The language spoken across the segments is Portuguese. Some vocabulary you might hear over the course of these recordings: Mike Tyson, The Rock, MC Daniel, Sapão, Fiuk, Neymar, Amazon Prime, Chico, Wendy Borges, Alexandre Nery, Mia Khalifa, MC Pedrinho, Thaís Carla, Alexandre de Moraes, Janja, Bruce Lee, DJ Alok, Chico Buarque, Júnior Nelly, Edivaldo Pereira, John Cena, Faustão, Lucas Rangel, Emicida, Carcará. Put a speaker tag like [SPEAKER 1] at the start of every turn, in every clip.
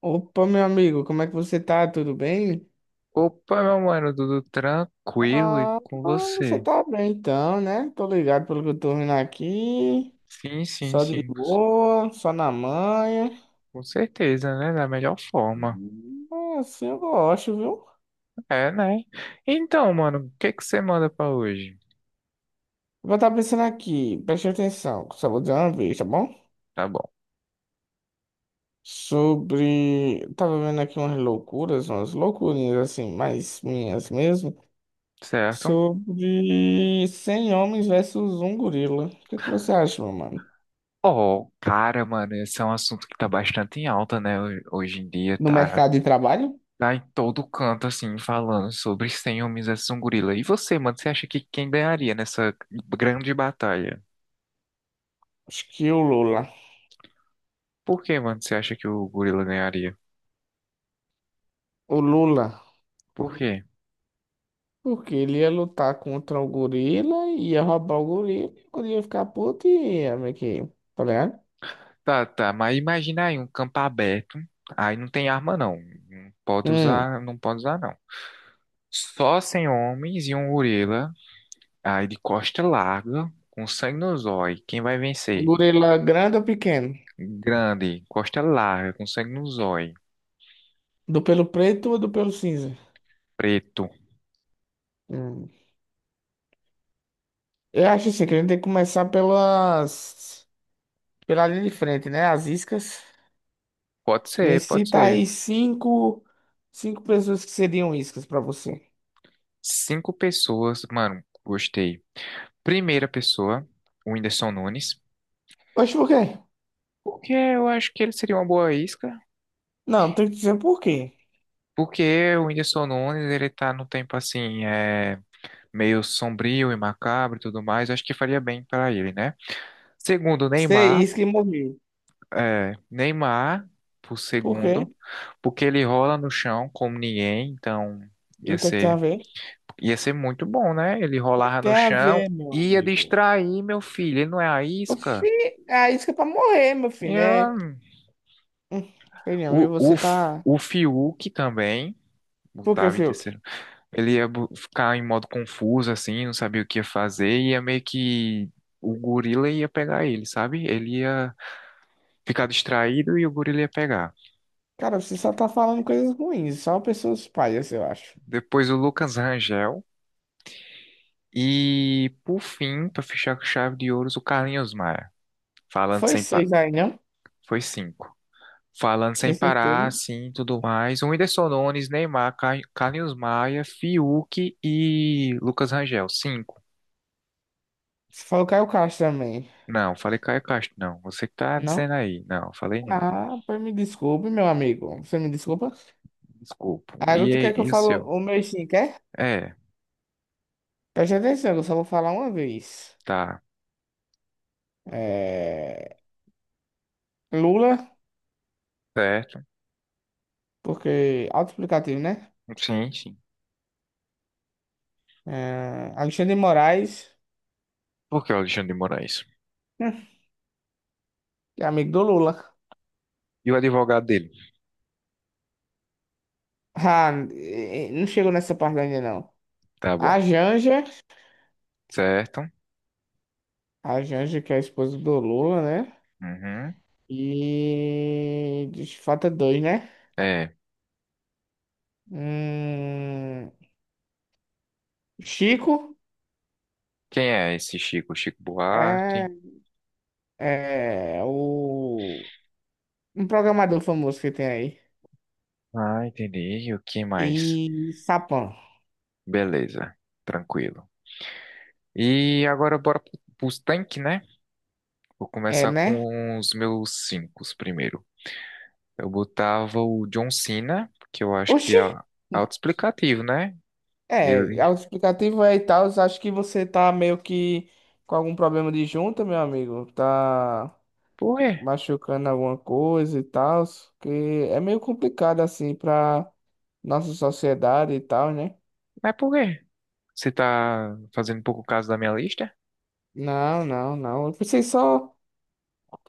[SPEAKER 1] Opa, meu amigo, como é que você tá? Tudo bem?
[SPEAKER 2] Opa, meu mano, tudo tranquilo e
[SPEAKER 1] Ah,
[SPEAKER 2] com
[SPEAKER 1] ah, você
[SPEAKER 2] você?
[SPEAKER 1] tá bem então, né? Tô ligado pelo que eu tô vendo aqui.
[SPEAKER 2] Sim, sim,
[SPEAKER 1] Só de
[SPEAKER 2] sim,
[SPEAKER 1] boa, só na manha.
[SPEAKER 2] com certeza, né? Da melhor forma.
[SPEAKER 1] Ah, assim eu gosto, viu?
[SPEAKER 2] É, né? Então, mano, o que que você manda pra hoje?
[SPEAKER 1] Vou estar pensando aqui, preste atenção, só vou dizer uma vez, tá bom?
[SPEAKER 2] Tá bom,
[SPEAKER 1] Sobre. Eu Tava vendo aqui umas loucuras, umas loucurinhas assim, mais minhas mesmo.
[SPEAKER 2] certo?
[SPEAKER 1] Sobre 100 homens versus um gorila. O que é que você acha, meu mano?
[SPEAKER 2] Oh, cara, mano, esse é um assunto que tá bastante em alta, né? Hoje em dia
[SPEAKER 1] No
[SPEAKER 2] tá,
[SPEAKER 1] mercado de trabalho?
[SPEAKER 2] tá em todo canto, assim, falando sobre 100 homens versus um gorila. E você, mano, você acha que quem ganharia nessa grande batalha?
[SPEAKER 1] Acho que o Lula.
[SPEAKER 2] Por que, mano, você acha que o gorila ganharia?
[SPEAKER 1] O Lula.
[SPEAKER 2] Por quê?
[SPEAKER 1] Porque ele ia lutar contra o gorila, ia roubar o gorila, e o gorila ia ficar puto e ia meio que. Tá ligado?
[SPEAKER 2] Tá, tá, mas imagina aí um campo aberto, aí não tem arma não, não pode
[SPEAKER 1] Hum.
[SPEAKER 2] usar, não pode usar não. Só sem homens e um gorila, aí de costa larga, com sangue no zóio, quem vai
[SPEAKER 1] O
[SPEAKER 2] vencer?
[SPEAKER 1] gorila grande ou pequeno?
[SPEAKER 2] Grande, costa larga, com sangue no zóio,
[SPEAKER 1] Do pelo preto ou do pelo cinza?
[SPEAKER 2] preto.
[SPEAKER 1] Hum. Eu acho assim, que a gente tem que começar pela linha de frente, né? As iscas.
[SPEAKER 2] Pode
[SPEAKER 1] Me
[SPEAKER 2] ser, pode
[SPEAKER 1] cita
[SPEAKER 2] ser.
[SPEAKER 1] aí cinco. Cinco pessoas que seriam iscas pra você.
[SPEAKER 2] Cinco pessoas, mano, gostei. Primeira pessoa, o Whindersson Nunes,
[SPEAKER 1] Oxe, por quê?
[SPEAKER 2] porque eu acho que ele seria uma boa isca,
[SPEAKER 1] Não, tem que dizer por quê.
[SPEAKER 2] porque o Whindersson Nunes, ele tá no tempo assim, é meio sombrio e macabro e tudo mais, eu acho que faria bem para ele, né? Segundo
[SPEAKER 1] Ser
[SPEAKER 2] Neymar,
[SPEAKER 1] isca e morrer.
[SPEAKER 2] é, Neymar por
[SPEAKER 1] Por quê?
[SPEAKER 2] segundo, porque ele rola no chão como ninguém, então
[SPEAKER 1] E
[SPEAKER 2] ia
[SPEAKER 1] o que é que tem a
[SPEAKER 2] ser
[SPEAKER 1] ver?
[SPEAKER 2] ia ser muito bom, né? Ele
[SPEAKER 1] Que é que
[SPEAKER 2] rolava no
[SPEAKER 1] tem a
[SPEAKER 2] chão,
[SPEAKER 1] ver, meu
[SPEAKER 2] ia
[SPEAKER 1] amigo?
[SPEAKER 2] distrair meu filho, ele não é a
[SPEAKER 1] Oxi,
[SPEAKER 2] isca.
[SPEAKER 1] a isca é pra morrer, meu filho, né?
[SPEAKER 2] É,
[SPEAKER 1] Hum. Sei não, viu?
[SPEAKER 2] o, o,
[SPEAKER 1] Você
[SPEAKER 2] F-
[SPEAKER 1] tá.
[SPEAKER 2] o Fiuk também
[SPEAKER 1] Por que,
[SPEAKER 2] botava em
[SPEAKER 1] Fiuk?
[SPEAKER 2] terceiro. Ele ia ficar em modo confuso, assim, não sabia o que ia fazer, e ia meio que. O gorila ia pegar ele, sabe? Ele ia ficar distraído e o gorila ia pegar.
[SPEAKER 1] Cara, você só tá falando coisas ruins, só pessoas palhas, eu acho.
[SPEAKER 2] Depois o Lucas Rangel. E, por fim, para fechar com chave de ouros, o Carlinhos Maia. Falando
[SPEAKER 1] Foi
[SPEAKER 2] sem pa...
[SPEAKER 1] seis aí, não?
[SPEAKER 2] Foi cinco. Falando sem
[SPEAKER 1] Tem
[SPEAKER 2] parar,
[SPEAKER 1] certeza?
[SPEAKER 2] assim, tudo mais. O Whindersson Nunes, Neymar, Carlinhos Maia, Fiuk e Lucas Rangel. Cinco.
[SPEAKER 1] Você falou Caio Castro também,
[SPEAKER 2] Não, falei Caio Castro, não. Você que tá
[SPEAKER 1] não?
[SPEAKER 2] dizendo aí. Não, falei não.
[SPEAKER 1] Ah, pois me desculpe, meu amigo. Você me desculpa?
[SPEAKER 2] Desculpa.
[SPEAKER 1] Agora
[SPEAKER 2] E,
[SPEAKER 1] tu
[SPEAKER 2] aí,
[SPEAKER 1] quer que eu
[SPEAKER 2] e o
[SPEAKER 1] fale
[SPEAKER 2] seu?
[SPEAKER 1] o meu sim, quer?
[SPEAKER 2] É,
[SPEAKER 1] Preste atenção, que eu só vou falar uma vez.
[SPEAKER 2] tá.
[SPEAKER 1] É... Lula,
[SPEAKER 2] Certo.
[SPEAKER 1] porque auto-explicativo, né?
[SPEAKER 2] Sim, sim.
[SPEAKER 1] É... Alexandre de Moraes.
[SPEAKER 2] Por que o Alexandre de Moraes?
[SPEAKER 1] Hum, é amigo do Lula.
[SPEAKER 2] E o advogado dele?
[SPEAKER 1] Ah, não chegou nessa parte ainda, não.
[SPEAKER 2] Tá
[SPEAKER 1] A
[SPEAKER 2] bom.
[SPEAKER 1] Janja,
[SPEAKER 2] Certo.
[SPEAKER 1] a Janja, que é a esposa do Lula, né?
[SPEAKER 2] Uhum.
[SPEAKER 1] Falta dois, né?
[SPEAKER 2] É.
[SPEAKER 1] Hum. Chico
[SPEAKER 2] Quem é esse Chico? Chico
[SPEAKER 1] é,
[SPEAKER 2] Buarque.
[SPEAKER 1] é o. Um programador famoso que tem aí.
[SPEAKER 2] Ah, entendi. E o que mais?
[SPEAKER 1] E Sapão.
[SPEAKER 2] Beleza. Tranquilo. E agora bora pros tanques, né? Vou
[SPEAKER 1] É,
[SPEAKER 2] começar
[SPEAKER 1] né?
[SPEAKER 2] com os meus cinco primeiro. Eu botava o John Cena, que eu acho que é
[SPEAKER 1] Oxi!
[SPEAKER 2] autoexplicativo, né?
[SPEAKER 1] É,
[SPEAKER 2] Ele.
[SPEAKER 1] autoexplicativo é e tal. Acho que você tá meio que com algum problema de junta, meu amigo. Tá.
[SPEAKER 2] Por quê?
[SPEAKER 1] Machucando alguma coisa e tal, que é meio complicado assim pra nossa sociedade e tal, né?
[SPEAKER 2] Mas por quê? Você tá fazendo um pouco caso da minha lista?
[SPEAKER 1] Não. Eu pensei só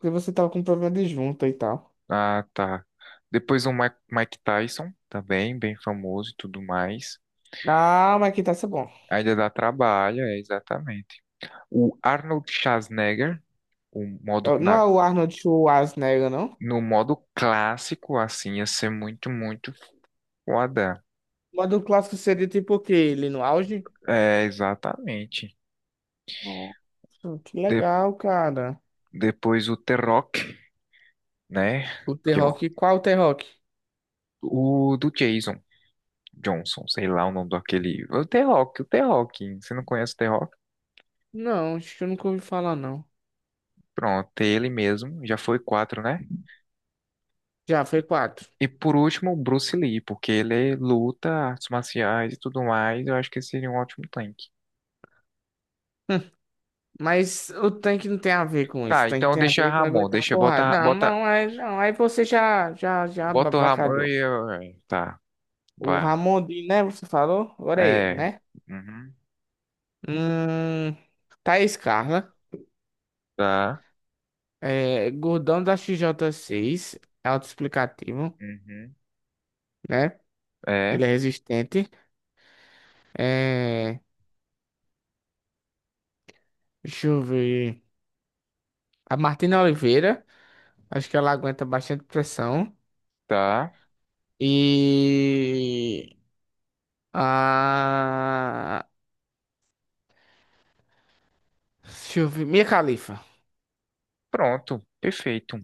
[SPEAKER 1] que você tava com problema de junta e tal.
[SPEAKER 2] Ah, tá. Depois o Mike Tyson, também, bem famoso e tudo mais.
[SPEAKER 1] Ah, mas que tá isso é bom.
[SPEAKER 2] Ainda dá trabalho, é exatamente. O Arnold Schwarzenegger, o modo,
[SPEAKER 1] Eu- Não é
[SPEAKER 2] na-
[SPEAKER 1] o Arnold Schwarzenegger, não?
[SPEAKER 2] no modo clássico, assim, ia ser muito, muito foda.
[SPEAKER 1] O modo clássico seria tipo o quê? Ele no auge?
[SPEAKER 2] É, exatamente.
[SPEAKER 1] Nossa, que
[SPEAKER 2] De-
[SPEAKER 1] legal, cara.
[SPEAKER 2] Depois o The Rock, né?
[SPEAKER 1] O The
[SPEAKER 2] Que é o,
[SPEAKER 1] Rock, qual o The Rock?
[SPEAKER 2] o do Jason Johnson, sei lá o nome daquele. O The Rock, o The Rock. Você não conhece o The Rock?
[SPEAKER 1] Não, acho que eu nunca ouvi falar, não.
[SPEAKER 2] Pronto, ele mesmo. Já foi quatro, né?
[SPEAKER 1] Já, foi quatro.
[SPEAKER 2] E por último, o Bruce Lee, porque ele luta, artes marciais e tudo mais. Eu acho que seria um ótimo tank.
[SPEAKER 1] Mas o tanque não tem a ver com isso. O
[SPEAKER 2] Tá,
[SPEAKER 1] tanque
[SPEAKER 2] então
[SPEAKER 1] tem a
[SPEAKER 2] deixa
[SPEAKER 1] ver com
[SPEAKER 2] Ramon,
[SPEAKER 1] aguentar
[SPEAKER 2] deixa,
[SPEAKER 1] porrada.
[SPEAKER 2] bota,
[SPEAKER 1] Não,
[SPEAKER 2] bota,
[SPEAKER 1] não, aí, não, aí você já
[SPEAKER 2] bota o Ramon.
[SPEAKER 1] abacalhou.
[SPEAKER 2] É, tá,
[SPEAKER 1] O
[SPEAKER 2] vá.
[SPEAKER 1] Ramondinho, né? Você falou? Agora é eu,
[SPEAKER 2] É.
[SPEAKER 1] né?
[SPEAKER 2] Uhum,
[SPEAKER 1] Hum. Thaís Carla.
[SPEAKER 2] tá.
[SPEAKER 1] É, gordão da xj seis. É autoexplicativo,
[SPEAKER 2] Uhum,
[SPEAKER 1] né?
[SPEAKER 2] é,
[SPEAKER 1] Ele é resistente. É, deixa eu ver. A Martina Oliveira. Acho que ela aguenta bastante pressão.
[SPEAKER 2] tá.
[SPEAKER 1] E. A. Deixa eu ver. Mia Khalifa.
[SPEAKER 2] Pronto, perfeito.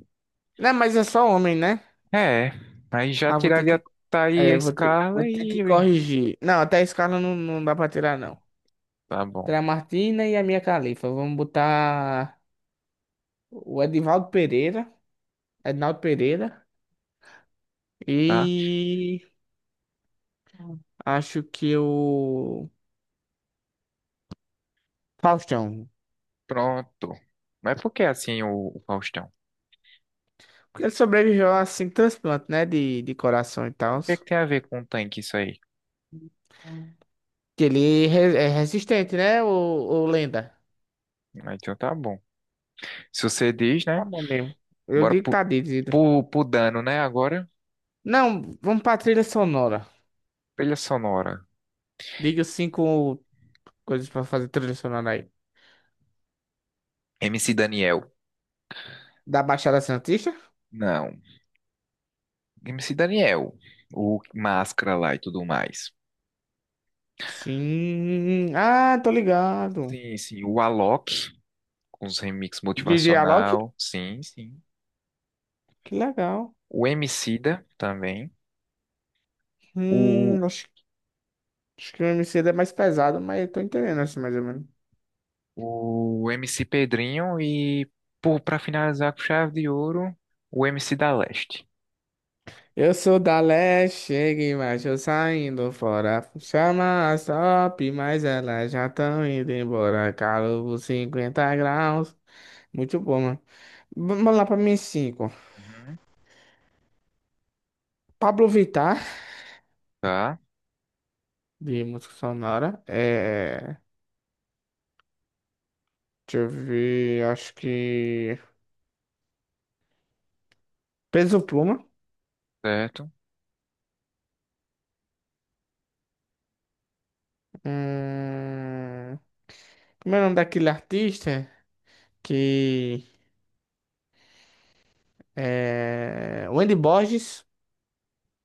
[SPEAKER 1] Não, mas é só homem, né?
[SPEAKER 2] É, aí já
[SPEAKER 1] Ah, vou ter
[SPEAKER 2] tiraria
[SPEAKER 1] que.
[SPEAKER 2] tá aí a
[SPEAKER 1] É, vou ter, vou
[SPEAKER 2] escala
[SPEAKER 1] ter que
[SPEAKER 2] e.
[SPEAKER 1] corrigir. Não, até a escala não, não dá pra tirar, não.
[SPEAKER 2] Tá bom,
[SPEAKER 1] Tirar a Martina e a minha Califa. Vamos botar o Edivaldo Pereira. Ednaldo Pereira.
[SPEAKER 2] tá?
[SPEAKER 1] E acho que o Faustão.
[SPEAKER 2] Pronto. Mas por que assim o Faustão?
[SPEAKER 1] Porque ele sobreviveu assim, transplante, né? De coração e
[SPEAKER 2] O
[SPEAKER 1] tal.
[SPEAKER 2] que é que tem a ver com o tanque isso aí?
[SPEAKER 1] Que ele é é resistente, né? O Lenda.
[SPEAKER 2] Ah, então tá bom. Se você diz,
[SPEAKER 1] Tá
[SPEAKER 2] né?
[SPEAKER 1] bom mesmo. Eu
[SPEAKER 2] Bora
[SPEAKER 1] digo que
[SPEAKER 2] pro,
[SPEAKER 1] tá dito. Zito.
[SPEAKER 2] pro, pro dano, né? Agora,
[SPEAKER 1] Não, vamos pra trilha sonora.
[SPEAKER 2] trilha sonora.
[SPEAKER 1] Diga os cinco coisas pra fazer trilha sonora aí.
[SPEAKER 2] MC Daniel.
[SPEAKER 1] Da Baixada Santista?
[SPEAKER 2] Não. MC Daniel, o Máscara lá e tudo mais.
[SPEAKER 1] Sim. Ah, tô ligado.
[SPEAKER 2] Sim, sim. O Alok, com os remix
[SPEAKER 1] DJ Alok?
[SPEAKER 2] motivacional, sim, sim.
[SPEAKER 1] Que legal.
[SPEAKER 2] O Emicida também. O,
[SPEAKER 1] Hum, acho, acho que o MC é mais pesado, mas eu tô entendendo assim mais ou menos.
[SPEAKER 2] o MC Pedrinho e, pra finalizar com chave de ouro, o MC da Leste.
[SPEAKER 1] Eu sou da leste, cheguei, mas eu saindo fora. Chama as top, mas elas já estão indo embora. Calor 50 graus. Muito bom, mano. Vamos lá pra minha 5.
[SPEAKER 2] Uhum.
[SPEAKER 1] Pablo Vittar,
[SPEAKER 2] Tá,
[SPEAKER 1] de música sonora. Deixa eu ver, acho que. Peso Pluma.
[SPEAKER 2] certo.
[SPEAKER 1] Hum... Como é o nome daquele artista? Que. É... Wendy Borges.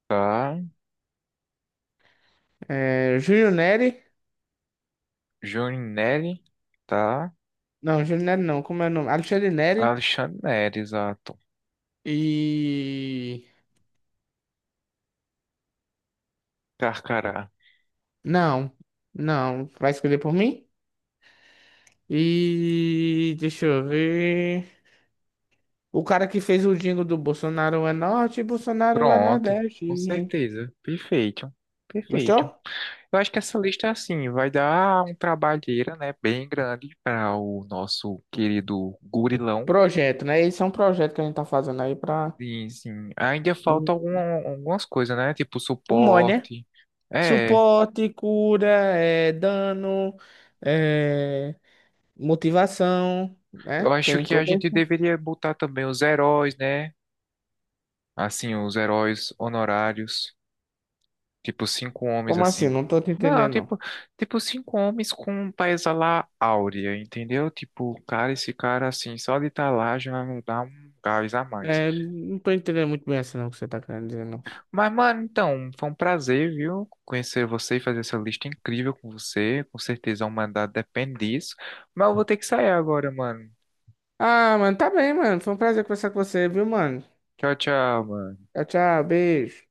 [SPEAKER 2] Tá.
[SPEAKER 1] É... Júlio Neri.
[SPEAKER 2] Júnior Nelly, tá.
[SPEAKER 1] Não, Júlio Neri não. Como é o nome? Alexandre Neri.
[SPEAKER 2] Alexandre Nery, exato.
[SPEAKER 1] E.
[SPEAKER 2] Carcará.
[SPEAKER 1] Não. Não. Vai escolher por mim? E. Deixa eu ver. O cara que fez o jingle do Bolsonaro é norte, Bolsonaro é
[SPEAKER 2] Pronto,
[SPEAKER 1] nordeste.
[SPEAKER 2] com certeza. Perfeito. Perfeito.
[SPEAKER 1] Gostou?
[SPEAKER 2] Eu acho que essa lista, é assim, vai dar um trabalheira, né, bem grande para o nosso querido gurilão.
[SPEAKER 1] Projeto, né? Esse é um projeto que a gente tá fazendo aí pra.
[SPEAKER 2] E, assim, ainda falta algumas coisas, né, tipo
[SPEAKER 1] O MOI, né?
[SPEAKER 2] suporte. É,
[SPEAKER 1] Suporte, cura, é, dano, é, motivação, né?
[SPEAKER 2] eu acho
[SPEAKER 1] Tem
[SPEAKER 2] que a
[SPEAKER 1] todo
[SPEAKER 2] gente
[SPEAKER 1] esse.
[SPEAKER 2] deveria botar também os heróis, né, assim, os heróis honorários, tipo cinco homens,
[SPEAKER 1] Como assim?
[SPEAKER 2] assim.
[SPEAKER 1] Não tô te
[SPEAKER 2] Não,
[SPEAKER 1] entendendo, não.
[SPEAKER 2] tipo cinco homens com um paisa lá áurea, entendeu? Tipo, cara, esse cara, assim, só de estar lá já dá um gás a mais.
[SPEAKER 1] É, não tô entendendo muito bem assim, não, o que você tá querendo dizer, não.
[SPEAKER 2] Mas, mano, então, foi um prazer, viu? Conhecer você e fazer essa lista incrível com você. Com certeza, uma mandado depende disso. Mas eu vou ter que sair agora, mano.
[SPEAKER 1] Ah, mano, tá bem, mano. Foi um prazer conversar com você, viu, mano?
[SPEAKER 2] Tchau, tchau, mano.
[SPEAKER 1] Tchau, tchau, beijo.